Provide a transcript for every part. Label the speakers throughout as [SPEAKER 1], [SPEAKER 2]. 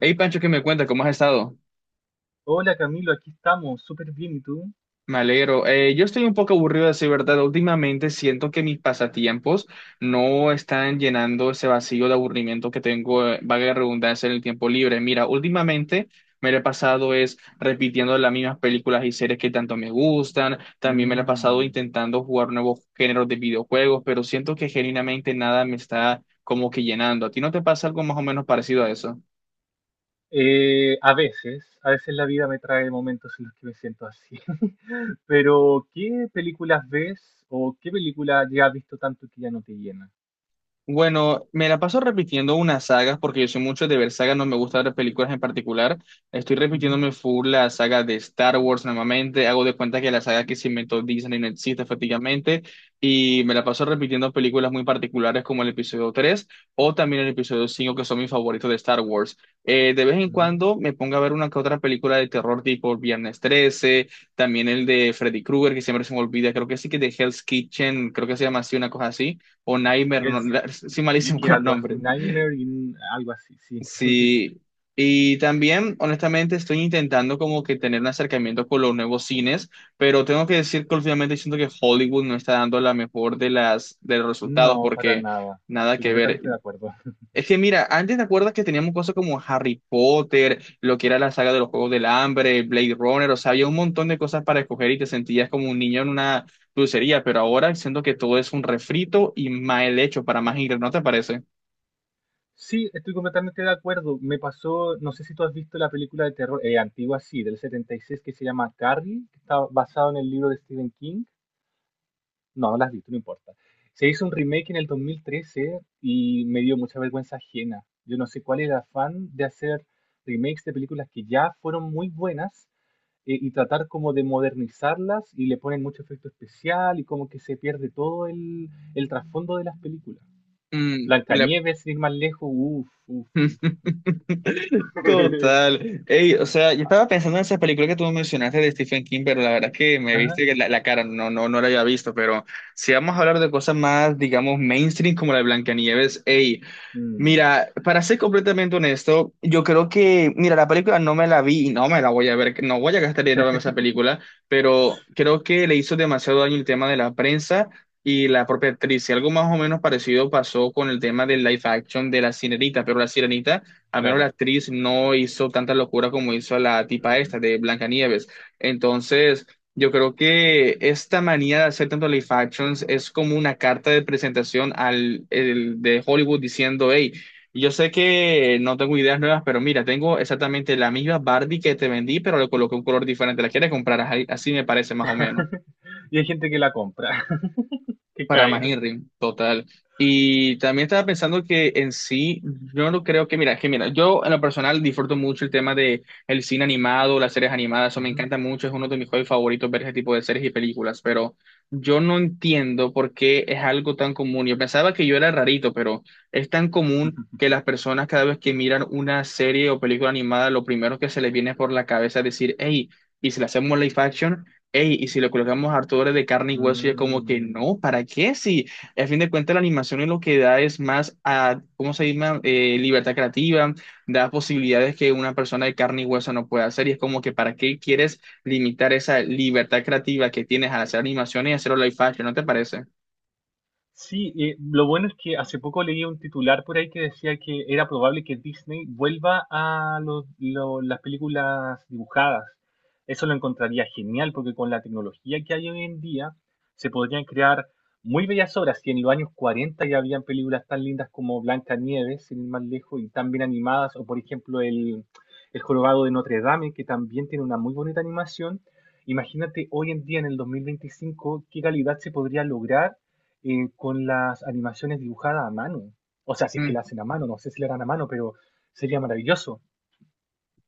[SPEAKER 1] Hey Pancho, ¿qué me cuentas? ¿Cómo has estado?
[SPEAKER 2] Hola Camilo, aquí estamos, súper bien, ¿y tú?
[SPEAKER 1] Me alegro. Yo estoy un poco aburrido de decir verdad. Últimamente siento que mis pasatiempos no están llenando ese vacío de aburrimiento que tengo, valga la redundancia, en el tiempo libre. Mira, últimamente me lo he pasado es repitiendo las mismas películas y series que tanto me gustan. También me lo he pasado
[SPEAKER 2] Mm.
[SPEAKER 1] intentando jugar nuevos géneros de videojuegos, pero siento que genuinamente nada me está como que llenando. ¿A ti no te pasa algo más o menos parecido a eso?
[SPEAKER 2] A veces la vida me trae momentos en los que me siento así. Pero, ¿qué películas ves o qué película ya has visto tanto que ya no te llena?
[SPEAKER 1] Bueno, me la paso repitiendo unas sagas porque yo soy mucho de ver sagas, no me gusta ver películas en particular. Estoy
[SPEAKER 2] Ujú,
[SPEAKER 1] repitiéndome full la saga de Star Wars nuevamente, hago de cuenta que la saga que se inventó Disney no existe efectivamente y me la paso repitiendo películas muy particulares como el episodio 3 o también el episodio 5 que son mis favoritos de Star Wars. De vez en
[SPEAKER 2] ujú.
[SPEAKER 1] cuando me pongo a ver una que otra película de terror tipo Viernes 13, también el de Freddy Krueger que siempre se me olvida, creo que sí que de Hell's Kitchen, creo que se llama así, una cosa así o Nightmare, no,
[SPEAKER 2] Hell's
[SPEAKER 1] soy malísimo
[SPEAKER 2] Speaker,
[SPEAKER 1] con los
[SPEAKER 2] algo así,
[SPEAKER 1] nombres.
[SPEAKER 2] Nightmare, algo así, sí.
[SPEAKER 1] Sí, y también honestamente estoy intentando como que tener un acercamiento con los nuevos cines, pero tengo que decir que últimamente siento que Hollywood no está dando la mejor de las de los resultados
[SPEAKER 2] No, para
[SPEAKER 1] porque
[SPEAKER 2] nada.
[SPEAKER 1] nada
[SPEAKER 2] Estoy
[SPEAKER 1] que ver.
[SPEAKER 2] completamente de acuerdo.
[SPEAKER 1] Es que mira, antes te acuerdas que teníamos cosas como Harry Potter, lo que era la saga de los Juegos del Hambre, Blade Runner, o sea, había un montón de cosas para escoger y te sentías como un niño en una dulcería, pero ahora siento que todo es un refrito y mal hecho para más ingresos, ¿no te parece?
[SPEAKER 2] Sí, estoy completamente de acuerdo. Me pasó, no sé si tú has visto la película de terror antigua, sí, del 76 que se llama Carrie, que está basado en el libro de Stephen King. No, no la has visto, no importa. Se hizo un remake en el 2013 y me dio mucha vergüenza ajena. Yo no sé cuál era el afán de hacer remakes de películas que ya fueron muy buenas, y tratar como de modernizarlas y le ponen mucho efecto especial y como que se pierde todo el trasfondo de las películas.
[SPEAKER 1] Mm, la-
[SPEAKER 2] Blancanieves, sin ir más lejos, uff, uff.
[SPEAKER 1] Total. Ey, o sea, yo estaba pensando en esa película que tú mencionaste de Stephen King, pero la verdad es que me
[SPEAKER 2] Ajá.
[SPEAKER 1] viste que la cara, no, no, no la había visto, pero si vamos a hablar de cosas más, digamos, mainstream como la de Blancanieves, ey,
[SPEAKER 2] Mm,
[SPEAKER 1] mira, para ser completamente honesto, yo creo que, mira, la película no me la vi y no me la voy a ver, no voy a gastar dinero en esa película, pero creo que le hizo demasiado daño el tema de la prensa y la propia actriz. Y algo más o menos parecido pasó con el tema del live action de La Sirenita, pero La Sirenita, al menos la
[SPEAKER 2] claro.
[SPEAKER 1] actriz no hizo tanta locura como hizo la tipa esta
[SPEAKER 2] Mm.
[SPEAKER 1] de Blancanieves. Entonces, yo creo que esta manía de hacer tanto live actions es como una carta de presentación de Hollywood diciendo, hey, yo sé que no tengo ideas nuevas, pero mira, tengo exactamente la misma Barbie que te vendí, pero le coloqué un color diferente. ¿La quieres comprar? Así me parece más o menos.
[SPEAKER 2] Y hay gente que la compra, que
[SPEAKER 1] Para más
[SPEAKER 2] cae.
[SPEAKER 1] Inrim, total. Y también estaba pensando que en sí, yo no creo que, mira, yo en lo personal disfruto mucho el tema de el cine animado, las series animadas, eso me
[SPEAKER 2] Ujú.
[SPEAKER 1] encanta mucho, es uno de mis hobbies favoritos ver ese tipo de series y películas, pero yo no entiendo por qué es algo tan común. Yo pensaba que yo era rarito, pero es tan común que las personas cada vez que miran una serie o película animada, lo primero que se les viene por la cabeza es decir, hey, ¿y si le hacemos live action? Ey, y si le colocamos harto dólares de carne y hueso, y es como que
[SPEAKER 2] Mm.
[SPEAKER 1] no, ¿para qué? Si a fin de cuentas la animación es lo que da es más a, ¿cómo se llama? Libertad creativa, da posibilidades que una persona de carne y hueso no puede hacer, y es como que ¿para qué quieres limitar esa libertad creativa que tienes al hacer animaciones y hacerlo live action? ¿No te parece?
[SPEAKER 2] Sí, lo bueno es que hace poco leí un titular por ahí que decía que era probable que Disney vuelva a las películas dibujadas. Eso lo encontraría genial porque con la tecnología que hay hoy en día se podrían crear muy bellas obras. Y en los años 40 ya habían películas tan lindas como Blancanieves, sin ir más lejos, y tan bien animadas, o por ejemplo el Jorobado de Notre Dame, que también tiene una muy bonita animación. Imagínate hoy en día, en el 2025 qué calidad se podría lograr, con las animaciones dibujadas a mano. O sea, si es que la
[SPEAKER 1] Mm.
[SPEAKER 2] hacen a mano, no sé si la harán a mano, pero sería maravilloso.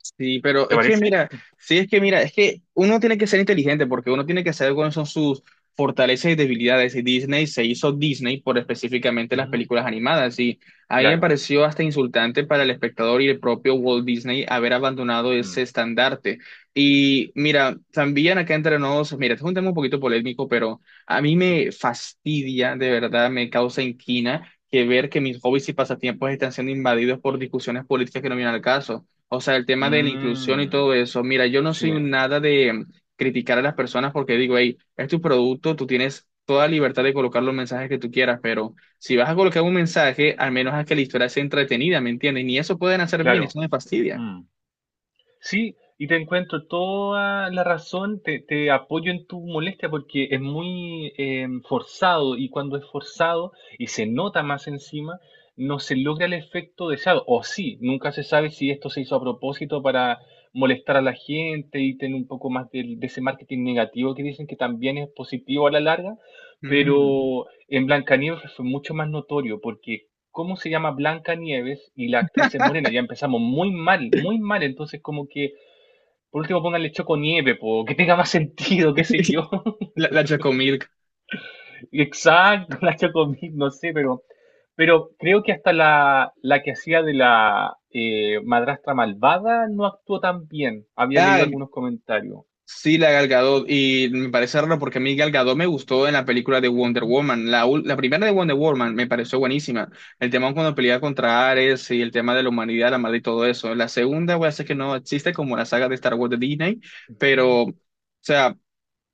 [SPEAKER 1] Sí, pero
[SPEAKER 2] ¿Te
[SPEAKER 1] es que
[SPEAKER 2] parece?
[SPEAKER 1] mira, sí es que mira, es que uno tiene que ser inteligente porque uno tiene que saber cuáles son sus fortalezas y debilidades. Y Disney se hizo Disney por específicamente las
[SPEAKER 2] Ujú.
[SPEAKER 1] películas animadas. Y a mí me
[SPEAKER 2] Claro.
[SPEAKER 1] pareció hasta insultante para el espectador y el propio Walt Disney haber abandonado
[SPEAKER 2] Mm.
[SPEAKER 1] ese estandarte. Y mira, también acá entre nos, mira, este es un tema un poquito polémico, pero a mí me fastidia, de verdad, me causa inquina, que ver que mis hobbies y pasatiempos están siendo invadidos por discusiones políticas que no vienen al caso. O sea, el tema de la inclusión y
[SPEAKER 2] Mm,
[SPEAKER 1] todo eso. Mira, yo no
[SPEAKER 2] sí,
[SPEAKER 1] soy un nada de criticar a las personas porque digo, hey, es tu producto, tú tienes toda libertad de colocar los mensajes que tú quieras, pero si vas a colocar un mensaje, al menos haz que la historia sea entretenida, ¿me entiendes? Ni eso pueden hacer bien,
[SPEAKER 2] claro.
[SPEAKER 1] eso me fastidia.
[SPEAKER 2] Mm. Sí, y te encuentro toda la razón, te apoyo en tu molestia porque es muy forzado y cuando es forzado y se nota más encima, no se logra el efecto deseado. O sí, nunca se sabe si esto se hizo a propósito para molestar a la gente y tener un poco más de ese marketing negativo que dicen que también es positivo a la larga,
[SPEAKER 1] Mm.
[SPEAKER 2] pero en Blancanieves fue mucho más notorio porque cómo se llama Blancanieves y la actriz es morena. Ya empezamos muy mal, muy mal. Entonces, como que por último pónganle Choco Nieve, po, que tenga más sentido, qué sé yo.
[SPEAKER 1] La Chocomilk.
[SPEAKER 2] Exacto, la Choco no sé, pero creo que hasta la que hacía de la madrastra malvada no actuó tan bien. Había leído
[SPEAKER 1] Ah,
[SPEAKER 2] algunos comentarios.
[SPEAKER 1] sí, la Gal Gadot, y me parece raro porque a mí Gal Gadot me gustó en la película de Wonder
[SPEAKER 2] Ujú.
[SPEAKER 1] Woman, la, la primera de Wonder Woman me pareció buenísima, el tema cuando pelea contra Ares y el tema de la humanidad, la madre y todo eso, la segunda voy a decir que no existe como la saga de Star Wars de Disney,
[SPEAKER 2] Ujú.
[SPEAKER 1] pero, o sea,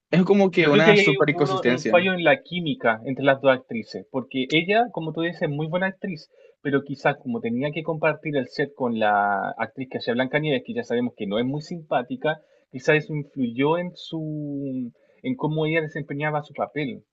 [SPEAKER 1] es como que
[SPEAKER 2] Yo creo que
[SPEAKER 1] una
[SPEAKER 2] ahí hay
[SPEAKER 1] super
[SPEAKER 2] un
[SPEAKER 1] inconsistencia,
[SPEAKER 2] fallo en la química entre las dos actrices, porque ella, como tú dices, es muy buena actriz, pero quizás como tenía que compartir el set con la actriz que hacía Blancanieves, que ya sabemos que no es muy simpática, quizás eso influyó en cómo ella desempeñaba su papel.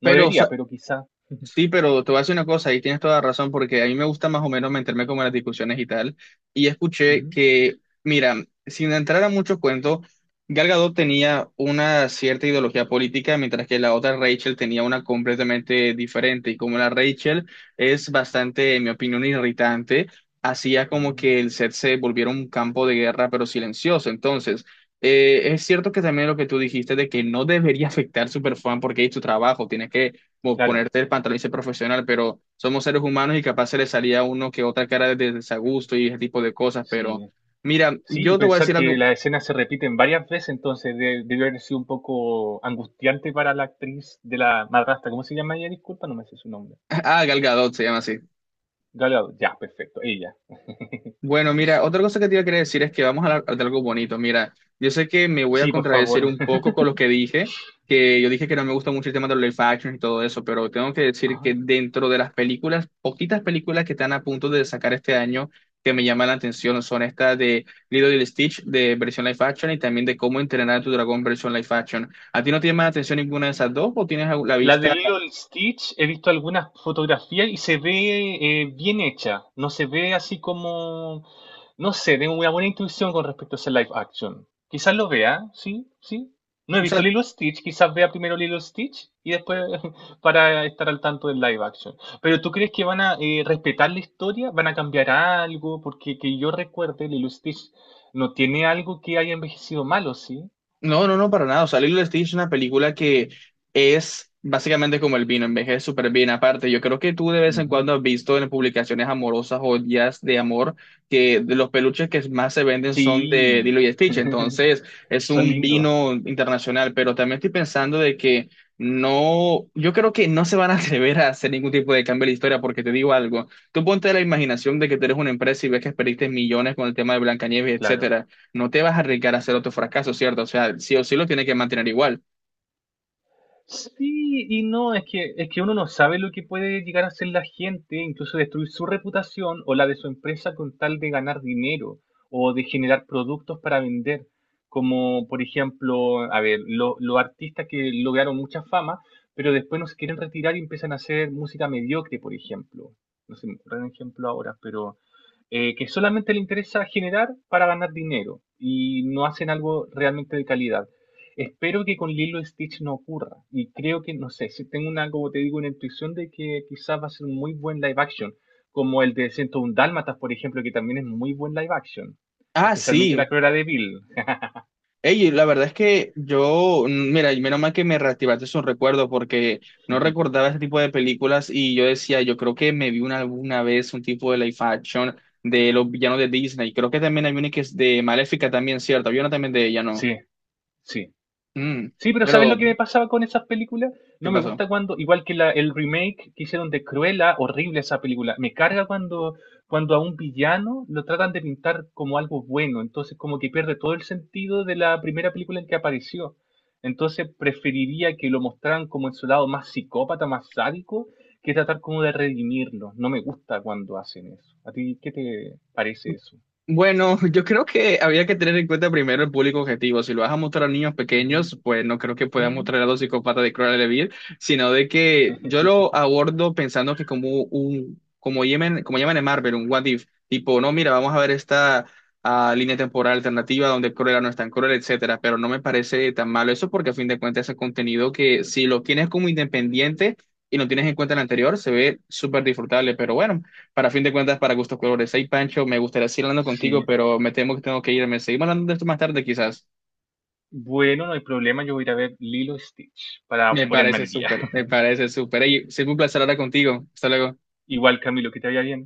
[SPEAKER 2] No
[SPEAKER 1] pero o
[SPEAKER 2] debería,
[SPEAKER 1] sea,
[SPEAKER 2] pero quizás.
[SPEAKER 1] sí, pero te voy a decir una cosa, y tienes toda la razón, porque a mí me gusta más o menos meterme como en las discusiones y tal. Y escuché
[SPEAKER 2] Ujú,
[SPEAKER 1] que, mira, sin entrar a muchos cuentos, Gal Gadot tenía una cierta ideología política, mientras que la otra Rachel tenía una completamente diferente. Y como la Rachel es bastante, en mi opinión, irritante, hacía como
[SPEAKER 2] ujú.
[SPEAKER 1] que el set se volviera un campo de guerra, pero silencioso. Entonces, es cierto que también lo que tú dijiste de que no debería afectar Superfan porque es tu trabajo, tienes que como
[SPEAKER 2] Claro,
[SPEAKER 1] ponerte el pantalón y ser profesional, pero somos seres humanos y capaz se le salía a uno que otra cara de desagusto y ese tipo de cosas, pero
[SPEAKER 2] sí.
[SPEAKER 1] mira,
[SPEAKER 2] Sí, y
[SPEAKER 1] yo te voy a
[SPEAKER 2] pensar
[SPEAKER 1] decir
[SPEAKER 2] que
[SPEAKER 1] algo,
[SPEAKER 2] las escenas se repiten varias veces, entonces debió haber sido un poco angustiante para la actriz de la madrastra. ¿Cómo se llama ella? Disculpa, no me sé su nombre.
[SPEAKER 1] ah, Gal Gadot se llama así.
[SPEAKER 2] Galeado, ya, perfecto, ella.
[SPEAKER 1] Bueno, mira, otra cosa que te iba a querer decir es que vamos a hablar de algo bonito. Mira, yo sé que me voy a
[SPEAKER 2] Sí, por favor.
[SPEAKER 1] contradecir un poco con lo que dije, que yo dije que no me gusta mucho el tema de los live action y todo eso, pero tengo que decir
[SPEAKER 2] Ajá.
[SPEAKER 1] que dentro de las películas, poquitas películas que están a punto de sacar este año que me llaman la atención son estas de Lilo y Stitch de versión live action y también de Cómo entrenar a tu dragón versión live action. ¿A ti no te llama la atención ninguna de esas dos o tienes la
[SPEAKER 2] La de
[SPEAKER 1] vista?
[SPEAKER 2] Lilo y Stitch, he visto algunas fotografías y se ve bien hecha. No se ve así como, no sé, tengo una buena intuición con respecto a ese live action. Quizás lo vea, sí, sí. No he visto Lilo y Stitch, quizás vea primero Lilo y Stitch y después para estar al tanto del live action. Pero ¿tú crees que van a respetar la historia? ¿Van a cambiar algo? Porque que yo recuerde, Lilo y Stitch no tiene algo que haya envejecido malo, ¿sí?
[SPEAKER 1] No, no, no, para nada. O sea, Lilo y Stitch es una película que es básicamente como el vino, envejece súper bien. Aparte, yo creo que tú de vez en
[SPEAKER 2] Ujú.
[SPEAKER 1] cuando has visto en publicaciones amorosas o días de amor que de los peluches que más se venden son de
[SPEAKER 2] Sí,
[SPEAKER 1] Lilo y Stitch. Entonces, es
[SPEAKER 2] son
[SPEAKER 1] un
[SPEAKER 2] lindos.
[SPEAKER 1] vino internacional, pero también estoy pensando de que no, yo creo que no se van a atrever a hacer ningún tipo de cambio en la historia porque te digo algo. Tú ponte la imaginación de que tú eres una empresa y ves que perdiste millones con el tema de Blancanieves,
[SPEAKER 2] Claro.
[SPEAKER 1] etcétera. No te vas a arriesgar a hacer otro fracaso, ¿cierto? O sea, sí o sí lo tiene que mantener igual.
[SPEAKER 2] Sí y no, es que uno no sabe lo que puede llegar a hacer la gente, incluso destruir su reputación o la de su empresa con tal de ganar dinero o de generar productos para vender. Como por ejemplo, a ver, los artistas que lograron mucha fama, pero después no se quieren retirar y empiezan a hacer música mediocre, por ejemplo. No se me ocurre un ejemplo ahora, pero que solamente le interesa generar para ganar dinero y no hacen algo realmente de calidad. Espero que con Lilo Stitch no ocurra. Y creo que, no sé, si tengo una, como te digo, una intuición de que quizás va a ser un muy buen live action, como el de 101 Dálmatas, por ejemplo, que también es muy buen live action,
[SPEAKER 1] Ah,
[SPEAKER 2] especialmente la
[SPEAKER 1] sí.
[SPEAKER 2] Cruella de Bill.
[SPEAKER 1] Ey, la verdad es que yo, mira, y menos mal que me reactivaste esos recuerdos porque no recordaba ese tipo de películas y yo decía, yo creo que me vi una, alguna vez un tipo de live action de los villanos de Disney. Creo que también hay una que es de Maléfica también, ¿cierto? Había una también de ella, ¿no?
[SPEAKER 2] Sí, sí.
[SPEAKER 1] Mm,
[SPEAKER 2] Sí, pero ¿sabes lo
[SPEAKER 1] Pero,
[SPEAKER 2] que me pasaba con esas películas?
[SPEAKER 1] ¿qué
[SPEAKER 2] No me
[SPEAKER 1] pasó?
[SPEAKER 2] gusta cuando, igual que el remake que hicieron de Cruella, horrible esa película. Me carga cuando a un villano lo tratan de pintar como algo bueno. Entonces, como que pierde todo el sentido de la primera película en que apareció. Entonces, preferiría que lo mostraran como en su lado más psicópata, más sádico, que tratar como de redimirlo. No me gusta cuando hacen eso. ¿A ti qué te parece eso?
[SPEAKER 1] Bueno, yo creo que habría que tener en cuenta primero el público objetivo. Si lo vas a mostrar a niños
[SPEAKER 2] Ujú.
[SPEAKER 1] pequeños, pues no creo que puedas
[SPEAKER 2] Mm,
[SPEAKER 1] mostrar a los psicópatas de Cruella de Vil, sino de que yo lo abordo pensando que como un, como llaman en Marvel, un what if, tipo, no, mira, vamos a ver esta línea temporal alternativa donde Cruella no es tan cruel, etcétera, pero no me parece tan malo eso porque a fin de cuentas es contenido que si lo tienes como independiente y no tienes en cuenta el anterior, se ve súper disfrutable, pero bueno. Para fin de cuentas, para gustos colores. Hey, Pancho, me gustaría seguir hablando
[SPEAKER 2] Sí.
[SPEAKER 1] contigo, pero me temo que tengo que irme. Seguimos hablando de esto más tarde, quizás.
[SPEAKER 2] Bueno, no hay problema, yo voy a ir a ver Lilo y Stitch para
[SPEAKER 1] Me
[SPEAKER 2] ponerme
[SPEAKER 1] parece
[SPEAKER 2] al día.
[SPEAKER 1] súper, me parece súper. Hey, siempre un placer hablar contigo. Hasta luego.
[SPEAKER 2] Igual, Camilo, que te vaya bien.